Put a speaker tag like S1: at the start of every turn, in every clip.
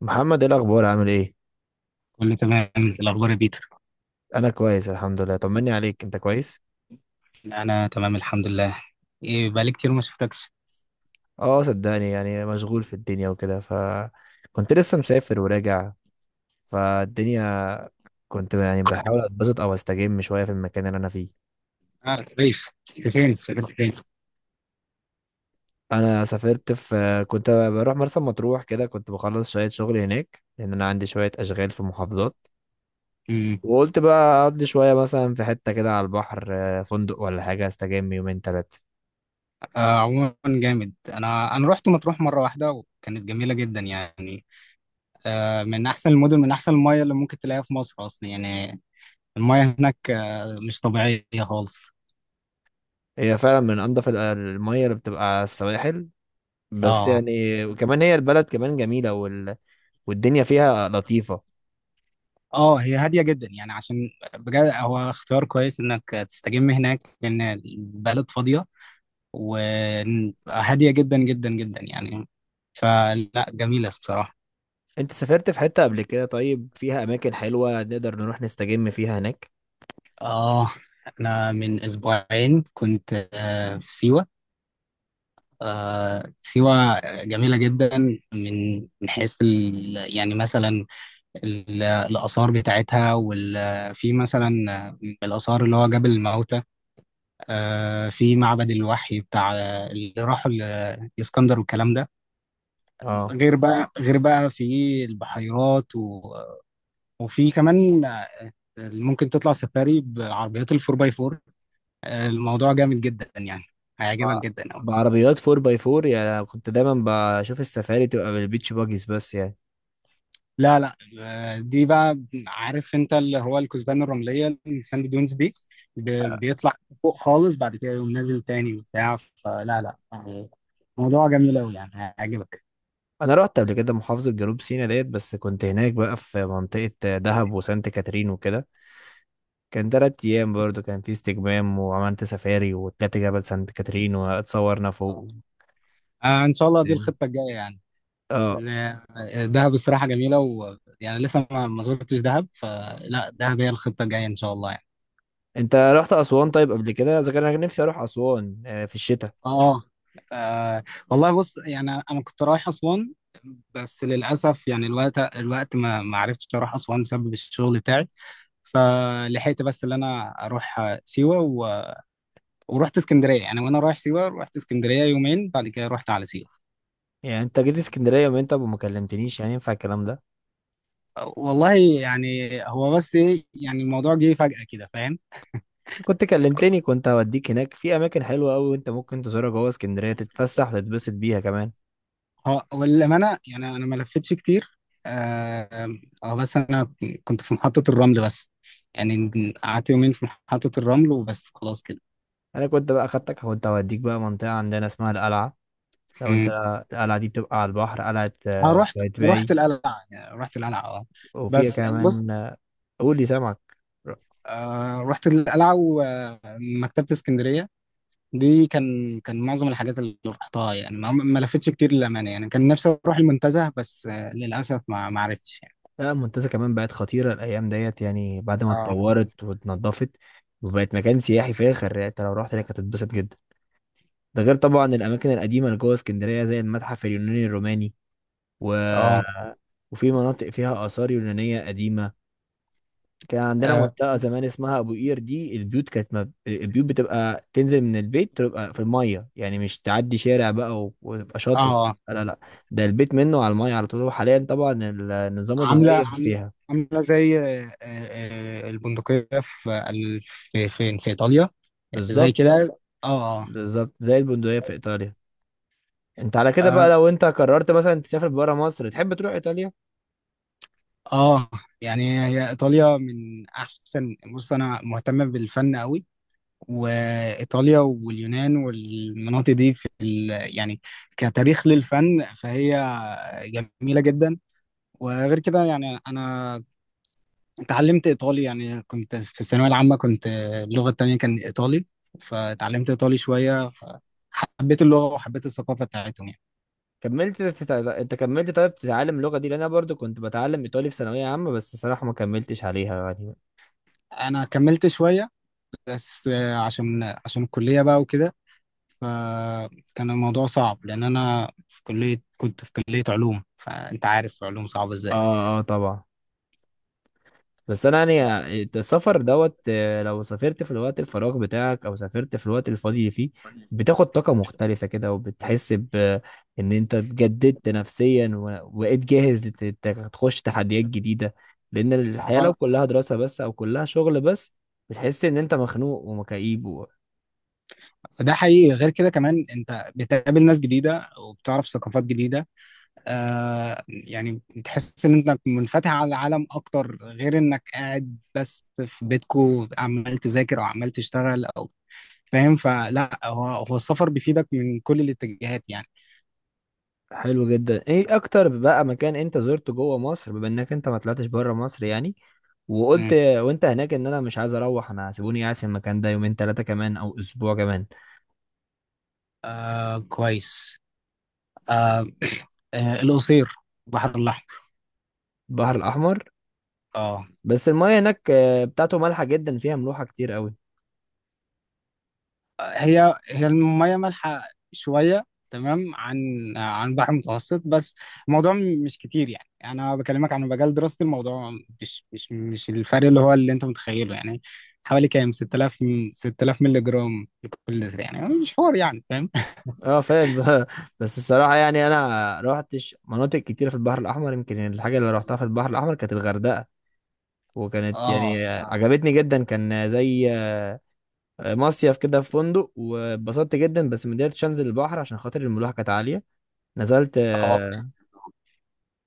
S1: محمد، ايه الاخبار؟ عامل ايه؟
S2: كله تمام الأخبار يا بيتر.
S1: انا كويس الحمد لله، طمني عليك، انت كويس؟
S2: أنا تمام الحمد لله. إيه بقالي كتير ما شفتكش.
S1: اه، صدقني يعني مشغول في الدنيا وكده. كنت لسه مسافر وراجع فالدنيا. كنت يعني بحاول اتبسط او استجم شويه في المكان اللي انا فيه.
S2: آه كويس. أنت فين؟ سافرت فين؟
S1: انا سافرت في كنت بروح مرسى مطروح كده، كنت بخلص شويه شغل هناك لان انا عندي شويه اشغال في محافظات.
S2: امم
S1: وقلت بقى اقضي شويه مثلا في حته كده على البحر، فندق ولا حاجه استجم يومين ثلاثه.
S2: آه عموما جامد. أنا رحت مطروح مرة واحدة وكانت جميلة جدا يعني. آه من أحسن المدن، من أحسن المياه اللي ممكن تلاقيها في مصر أصلا يعني. المياه هناك آه مش طبيعية خالص.
S1: هي فعلا من انضف المية اللي بتبقى على السواحل. بس
S2: اه
S1: يعني وكمان هي البلد كمان جميلة والدنيا فيها لطيفة.
S2: اه، هي هاديه جدا يعني عشان بجد هو اختيار كويس انك تستجم هناك لان البلد فاضيه وهادية جدا جدا جدا يعني، فلا جميلة الصراحة.
S1: انت سافرت في حتة قبل كده؟ طيب فيها اماكن حلوة نقدر نروح نستجم فيها هناك؟
S2: آه أنا من أسبوعين كنت آه في سيوة. آه سيوة جميلة جدا. من حيث يعني مثلا الآثار بتاعتها، وفي مثلا من الآثار اللي هو جبل الموتى، آه في معبد الوحي بتاع اللي راحوا الإسكندر والكلام ده.
S1: اه،
S2: غير بقى غير بقى في البحيرات، وفي كمان آه، ممكن تطلع سفاري بعربيات الفور باي فور. الموضوع جامد جدا يعني، هيعجبك
S1: بع-
S2: جدا أوي.
S1: بعربيات 4 باي 4، يعني كنت دايما بشوف السفاري تبقى بالبيتش باجيز بس يعني.
S2: لا لا آه، دي بقى عارف انت اللي هو الكثبان الرملية الساند دونز دي، بيطلع فوق خالص بعد كده يقوم نازل تاني وبتاع. فلا لا يعني، موضوع جميل أوي يعني هيعجبك.
S1: انا رحت قبل كده محافظة جنوب سيناء ديت، بس كنت هناك بقى في منطقة دهب وسانت كاترين وكده. كان 3 ايام برضو، كان في استجمام وعملت سفاري وطلعت جبل سانت كاترين واتصورنا
S2: آه
S1: فوق.
S2: آه، ان شاء الله دي الخطه الجايه يعني.
S1: اه.
S2: دهب الصراحه جميله، ويعني لسه ما زرتش دهب، فلا دهب هي الخطه الجايه ان شاء الله.
S1: انت رحت اسوان طيب قبل كده؟ اذا كان انا نفسي اروح اسوان في الشتاء.
S2: اه آه، والله بص يعني انا كنت رايح اسوان، بس للاسف يعني الوقت ما عرفتش اروح اسوان بسبب الشغل بتاعي. فلحقت بس اللي انا اروح آه، سيوه ورحت اسكندريه يعني، وانا رايح سيوه رحت اسكندريه يومين بعد كده رحت على سيوه.
S1: يعني انت جيت اسكندريه يوم انت ما كلمتنيش؟ يعني ينفع الكلام ده؟
S2: آه، والله يعني هو بس إيه، يعني الموضوع جه فجأة كده.
S1: كنت كلمتني كنت هوديك هناك في اماكن حلوه قوي انت ممكن تزورها جوه اسكندريه
S2: فاهم.
S1: تتفسح وتتبسط بيها كمان.
S2: هو والأمانة يعني أنا ما لفتش كتير. آه آه، بس أنا كنت في محطة الرمل بس يعني، قعدت يومين في محطة الرمل وبس خلاص كده.
S1: انا كنت بقى خدتك كنت هوديك بقى منطقه عندنا اسمها القلعه. لو انت،
S2: امم
S1: القلعه دي بتبقى على البحر قلعه
S2: أنا رحت، رحت
S1: قايتباي.
S2: القلعة يعني رحت القلعة أه.
S1: وفيها
S2: بس بص،
S1: كمان قول لي، سامعك؟
S2: آه رحت القلعة ومكتبة اسكندرية، دي كان كان معظم الحاجات اللي رحتها يعني ما لفتش كتير للأمانة يعني. كان نفسي أروح المنتزه بس آه للأسف ما عرفتش يعني.
S1: لا، المنتزه كمان بقت خطيره الايام ديت يعني بعد ما
S2: أه
S1: اتطورت واتنضفت. وبقت مكان سياحي فاخر، يعني انت لو رحت هناك هتتبسط جدا. ده غير طبعا الاماكن القديمه اللي جوه اسكندريه زي المتحف اليوناني الروماني و...
S2: أه
S1: وفي مناطق فيها اثار يونانيه قديمه. كان عندنا منطقه زمان اسمها ابو قير، دي البيوت كانت البيوت بتبقى تنزل من البيت تبقى في الميه، يعني مش تعدي شارع بقى وتبقى شاطئ.
S2: أه،
S1: لا، لا، لا، ده البيت منه على الميه على طول، وحاليا طبعا النظام
S2: عامله
S1: اتغير
S2: عام-
S1: فيها.
S2: عامله زي آه، آه، آه، البندقيه في فين في ايطاليا، زي
S1: بالظبط.
S2: كده. اه اه
S1: بالظبط زي البندقية في إيطاليا. أنت على كده بقى،
S2: اه
S1: لو أنت قررت مثلا تسافر برا مصر تحب تروح إيطاليا؟
S2: آه. يعني هي ايطاليا من احسن، بص انا مهتم بالفن قوي، وايطاليا واليونان والمناطق دي في ال... يعني كتاريخ للفن فهي جميله جدا. وغير كده يعني انا اتعلمت ايطالي يعني كنت في الثانويه العامه، كنت اللغه التانية كان ايطالي، فاتعلمت ايطالي شويه فحبيت اللغه وحبيت الثقافه بتاعتهم يعني.
S1: أنت كملت طيب تتعلم اللغة دي؟ لأن أنا برضو كنت بتعلم إيطالي في ثانوية عامة بس الصراحة ما كملتش عليها يعني.
S2: انا كملت شويه بس عشان الكليه بقى وكده فكان الموضوع صعب لان انا في كليه، كنت في كليه علوم، فانت عارف علوم صعبه ازاي.
S1: آه، آه، طبعا. بس انا يعني السفر دوت، لو سافرت في الوقت الفراغ بتاعك او سافرت في الوقت الفاضي اللي فيه بتاخد طاقة مختلفة كده وبتحس ان انت اتجددت نفسيا وبقيت جاهز تخش تحديات جديدة. لان الحياة لو
S2: اه
S1: كلها دراسة بس او كلها شغل بس بتحس ان انت مخنوق ومكئيب.
S2: ده حقيقي، غير كده كمان انت بتقابل ناس جديده وبتعرف ثقافات جديده. آه يعني تحس ان انك منفتح على العالم اكتر غير انك قاعد بس في بيتكو عمال تذاكر او عمال تشتغل او فاهم. فلا هو السفر بيفيدك من كل الاتجاهات يعني.
S1: حلو جدا، ايه اكتر بقى مكان انت زرته جوه مصر بما انك انت ما طلعتش بره مصر يعني؟ وقلت
S2: مم.
S1: وانت هناك ان انا مش عايز اروح، انا سيبوني قاعد في المكان ده يومين ثلاثه كمان او اسبوع كمان.
S2: آه كويس. آه آه القصير، البحر الاحمر.
S1: البحر الاحمر.
S2: اه
S1: بس المايه هناك بتاعته مالحه جدا فيها ملوحه كتير قوي.
S2: هي المية مالحة شوية، تمام، عن عن البحر المتوسط، بس الموضوع مش كتير يعني، أنا بكلمك عن مجال دراستي، الموضوع مش الفرق اللي هو اللي أنت متخيله يعني، حوالي كام 6,000 6,000 مللي جرام لكل لتر يعني مش حوار يعني فاهم.
S1: اه، فاهم. بس الصراحه يعني انا روحتش مناطق كتيره في البحر الاحمر، يمكن الحاجه اللي روحتها في البحر الاحمر كانت الغردقه. وكانت
S2: اه
S1: يعني
S2: اه
S1: عجبتني جدا، كان زي مصيف كده في فندق واتبسطت جدا بس ما قدرتش انزل البحر عشان خاطر الملوحه كانت عاليه. نزلت،
S2: اه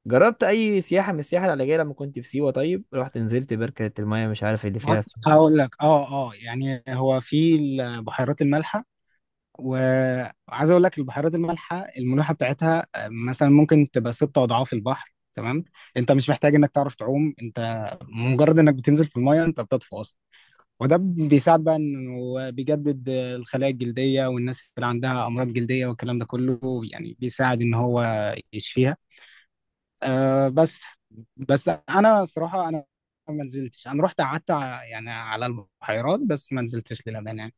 S1: جربت اي سياحه من السياحه العلاجيه لما كنت في سيوه، طيب رحت نزلت بركه المايه مش عارف اللي فيها اسمه.
S2: هقول لك اه اه يعني هو في البحيرات المالحة، وعايز اقول لك البحيرات المالحه الملوحه بتاعتها آه، مثلا ممكن تبقى ست اضعاف البحر. تمام، انت مش محتاج انك تعرف تعوم، انت مجرد انك بتنزل في المايه انت بتطفو اصلا، وده بيساعد بقى انه بيجدد آه، الخلايا الجلديه والناس اللي عندها امراض جلديه والكلام ده كله، يعني بيساعد ان هو يشفيها. أه بس، بس انا صراحه انا ما نزلتش، انا رحت قعدت يعني على البحيرات بس ما نزلتش للامانه يعني.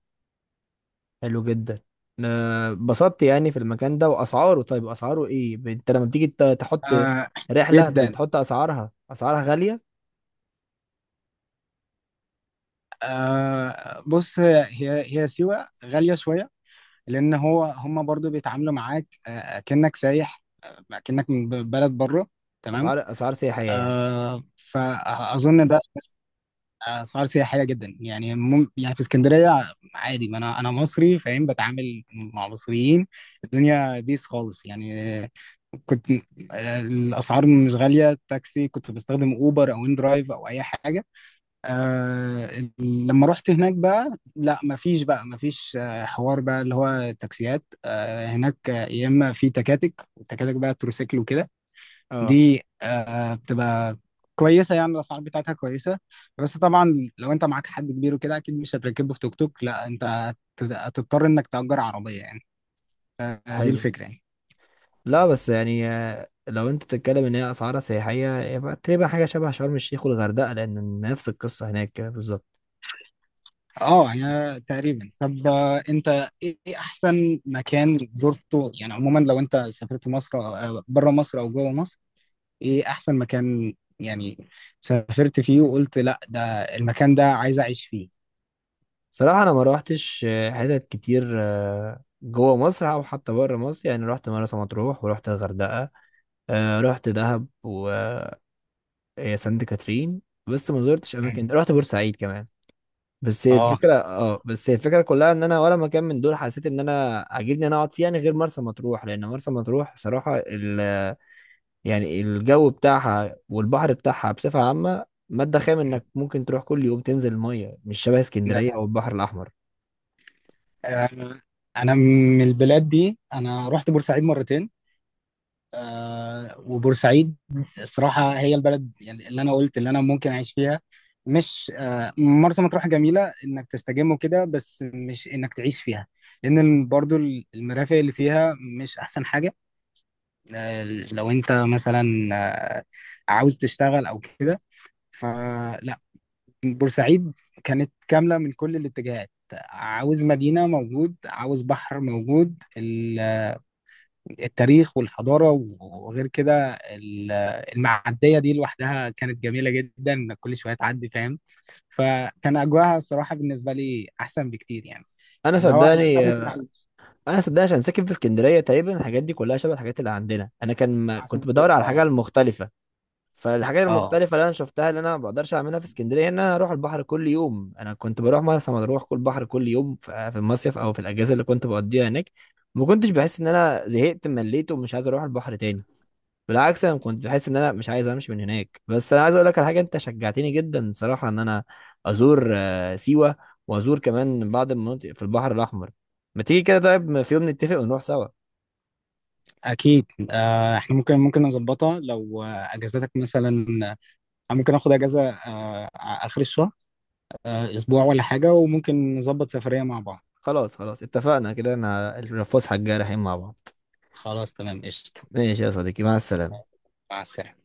S1: حلو جدا. اتبسطت يعني في المكان ده واسعاره، طيب اسعاره ايه؟ انت لما بتيجي تحط
S2: أه
S1: رحله
S2: جدا،
S1: بتحط اسعارها غاليه.
S2: آه بص هي سيوة غالية شوية، لأن هو هم برضو بيتعاملوا معاك آه كأنك سايح آه كأنك من بلد بره. تمام،
S1: اسعار سياحيه يعني.
S2: آه فأظن ده آه، أسعار سياحية جدا يعني مم يعني في اسكندرية عادي، ما أنا مصري فاهم بتعامل مع مصريين، الدنيا بيس خالص يعني آه، كنت آه الأسعار مش غالية، تاكسي كنت بستخدم أوبر أو إن درايف أو أي حاجة. آه لما رحت هناك بقى لا مفيش بقى مفيش آه حوار بقى اللي هو تاكسيات آه هناك آه، يا اما في تكاتك والتكاتك بقى تروسيكل وكده.
S1: اه،
S2: دي آه بتبقى كويسه يعني الاسعار بتاعتها كويسه. بس طبعا لو انت معاك حد كبير وكده اكيد مش هتركبه في توك توك، لا انت هتضطر انك تأجر عربيه يعني. فدي
S1: حلو.
S2: الفكره يعني.
S1: لا بس يعني لو انت بتتكلم ان هي اسعارها سياحيه يبقى تقريبا حاجه شبه شرم الشيخ والغردقه لان نفس القصه هناك كده بالظبط.
S2: اه يعني تقريبا. طب آه، انت ايه إيه احسن مكان زرته يعني عموما لو انت سافرت مصر او بره مصر او جوه مصر، ايه احسن مكان يعني سافرت فيه وقلت لا ده المكان، ده عايز اعيش فيه.
S1: صراحة أنا ما روحتش حتت كتير جوه مصر أو حتى بره مصر، يعني روحت مرسى مطروح ورحت الغردقة. روحت دهب وسانت كاترين بس ما زرتش أماكن، روحت بورسعيد كمان.
S2: اه
S1: بس هي الفكرة كلها إن أنا ولا مكان من دول حسيت إن أنا عاجبني إن أنا أقعد فيه يعني غير مرسى مطروح، لأن مرسى مطروح صراحة يعني الجو بتاعها والبحر بتاعها بصفة عامة مادة خام، إنك ممكن تروح كل يوم تنزل المية، مش شبه اسكندرية أو
S2: ده
S1: البحر الأحمر.
S2: آه، انا من البلاد دي انا رحت بورسعيد مرتين. آه وبورسعيد الصراحه هي البلد يعني اللي انا قلت اللي انا ممكن اعيش فيها، مش آه مرسى مطروح جميله انك تستجم وكده بس مش انك تعيش فيها، لان برضو المرافق اللي فيها مش احسن حاجه. آه لو انت مثلا آه عاوز تشتغل او كده، فلا بورسعيد كانت كامله من كل الاتجاهات، عاوز مدينه موجود عاوز بحر موجود، التاريخ والحضاره، وغير كده المعديه دي لوحدها كانت جميله جدا، كل شويه تعدي فاهم. فكان اجواها الصراحه بالنسبه لي احسن بكتير يعني،
S1: انا
S2: اللي هو اللي
S1: صدقني،
S2: انا ممكن اعيش.
S1: انا صدق عشان ساكن في اسكندريه تقريبا الحاجات دي كلها شبه الحاجات اللي عندنا، انا كان ما
S2: عشان
S1: كنت بدور
S2: كده
S1: على الحاجه
S2: اه.
S1: المختلفه. فالحاجات
S2: اه
S1: المختلفه اللي انا شفتها اللي انا ما بقدرش اعملها في اسكندريه، ان انا اروح البحر كل يوم، انا كنت بروح مرسى مطروح كل بحر كل يوم في المصيف او في الاجازه اللي كنت بقضيها هناك. ما كنتش بحس ان انا زهقت مليت ومش عايز اروح البحر تاني. بالعكس انا كنت بحس ان انا مش عايز امشي من هناك، بس انا عايز اقول لك على حاجه، انت شجعتني جدا صراحه ان انا ازور سيوه وازور كمان بعض المناطق في البحر الاحمر. ما تيجي كده طيب في يوم نتفق ونروح سوا؟
S2: اكيد، آه احنا ممكن نظبطها لو آه، اجازتك مثلا آه، ممكن اخد اجازه آه اخر الشهر آه اسبوع ولا حاجه، وممكن نظبط سفريه مع بعض.
S1: خلاص، خلاص، اتفقنا كده، انا الفسحه الجايه رايحين مع بعض.
S2: خلاص تمام قشطه.
S1: ماشي يا صديقي، مع السلامه.
S2: مع السلامه.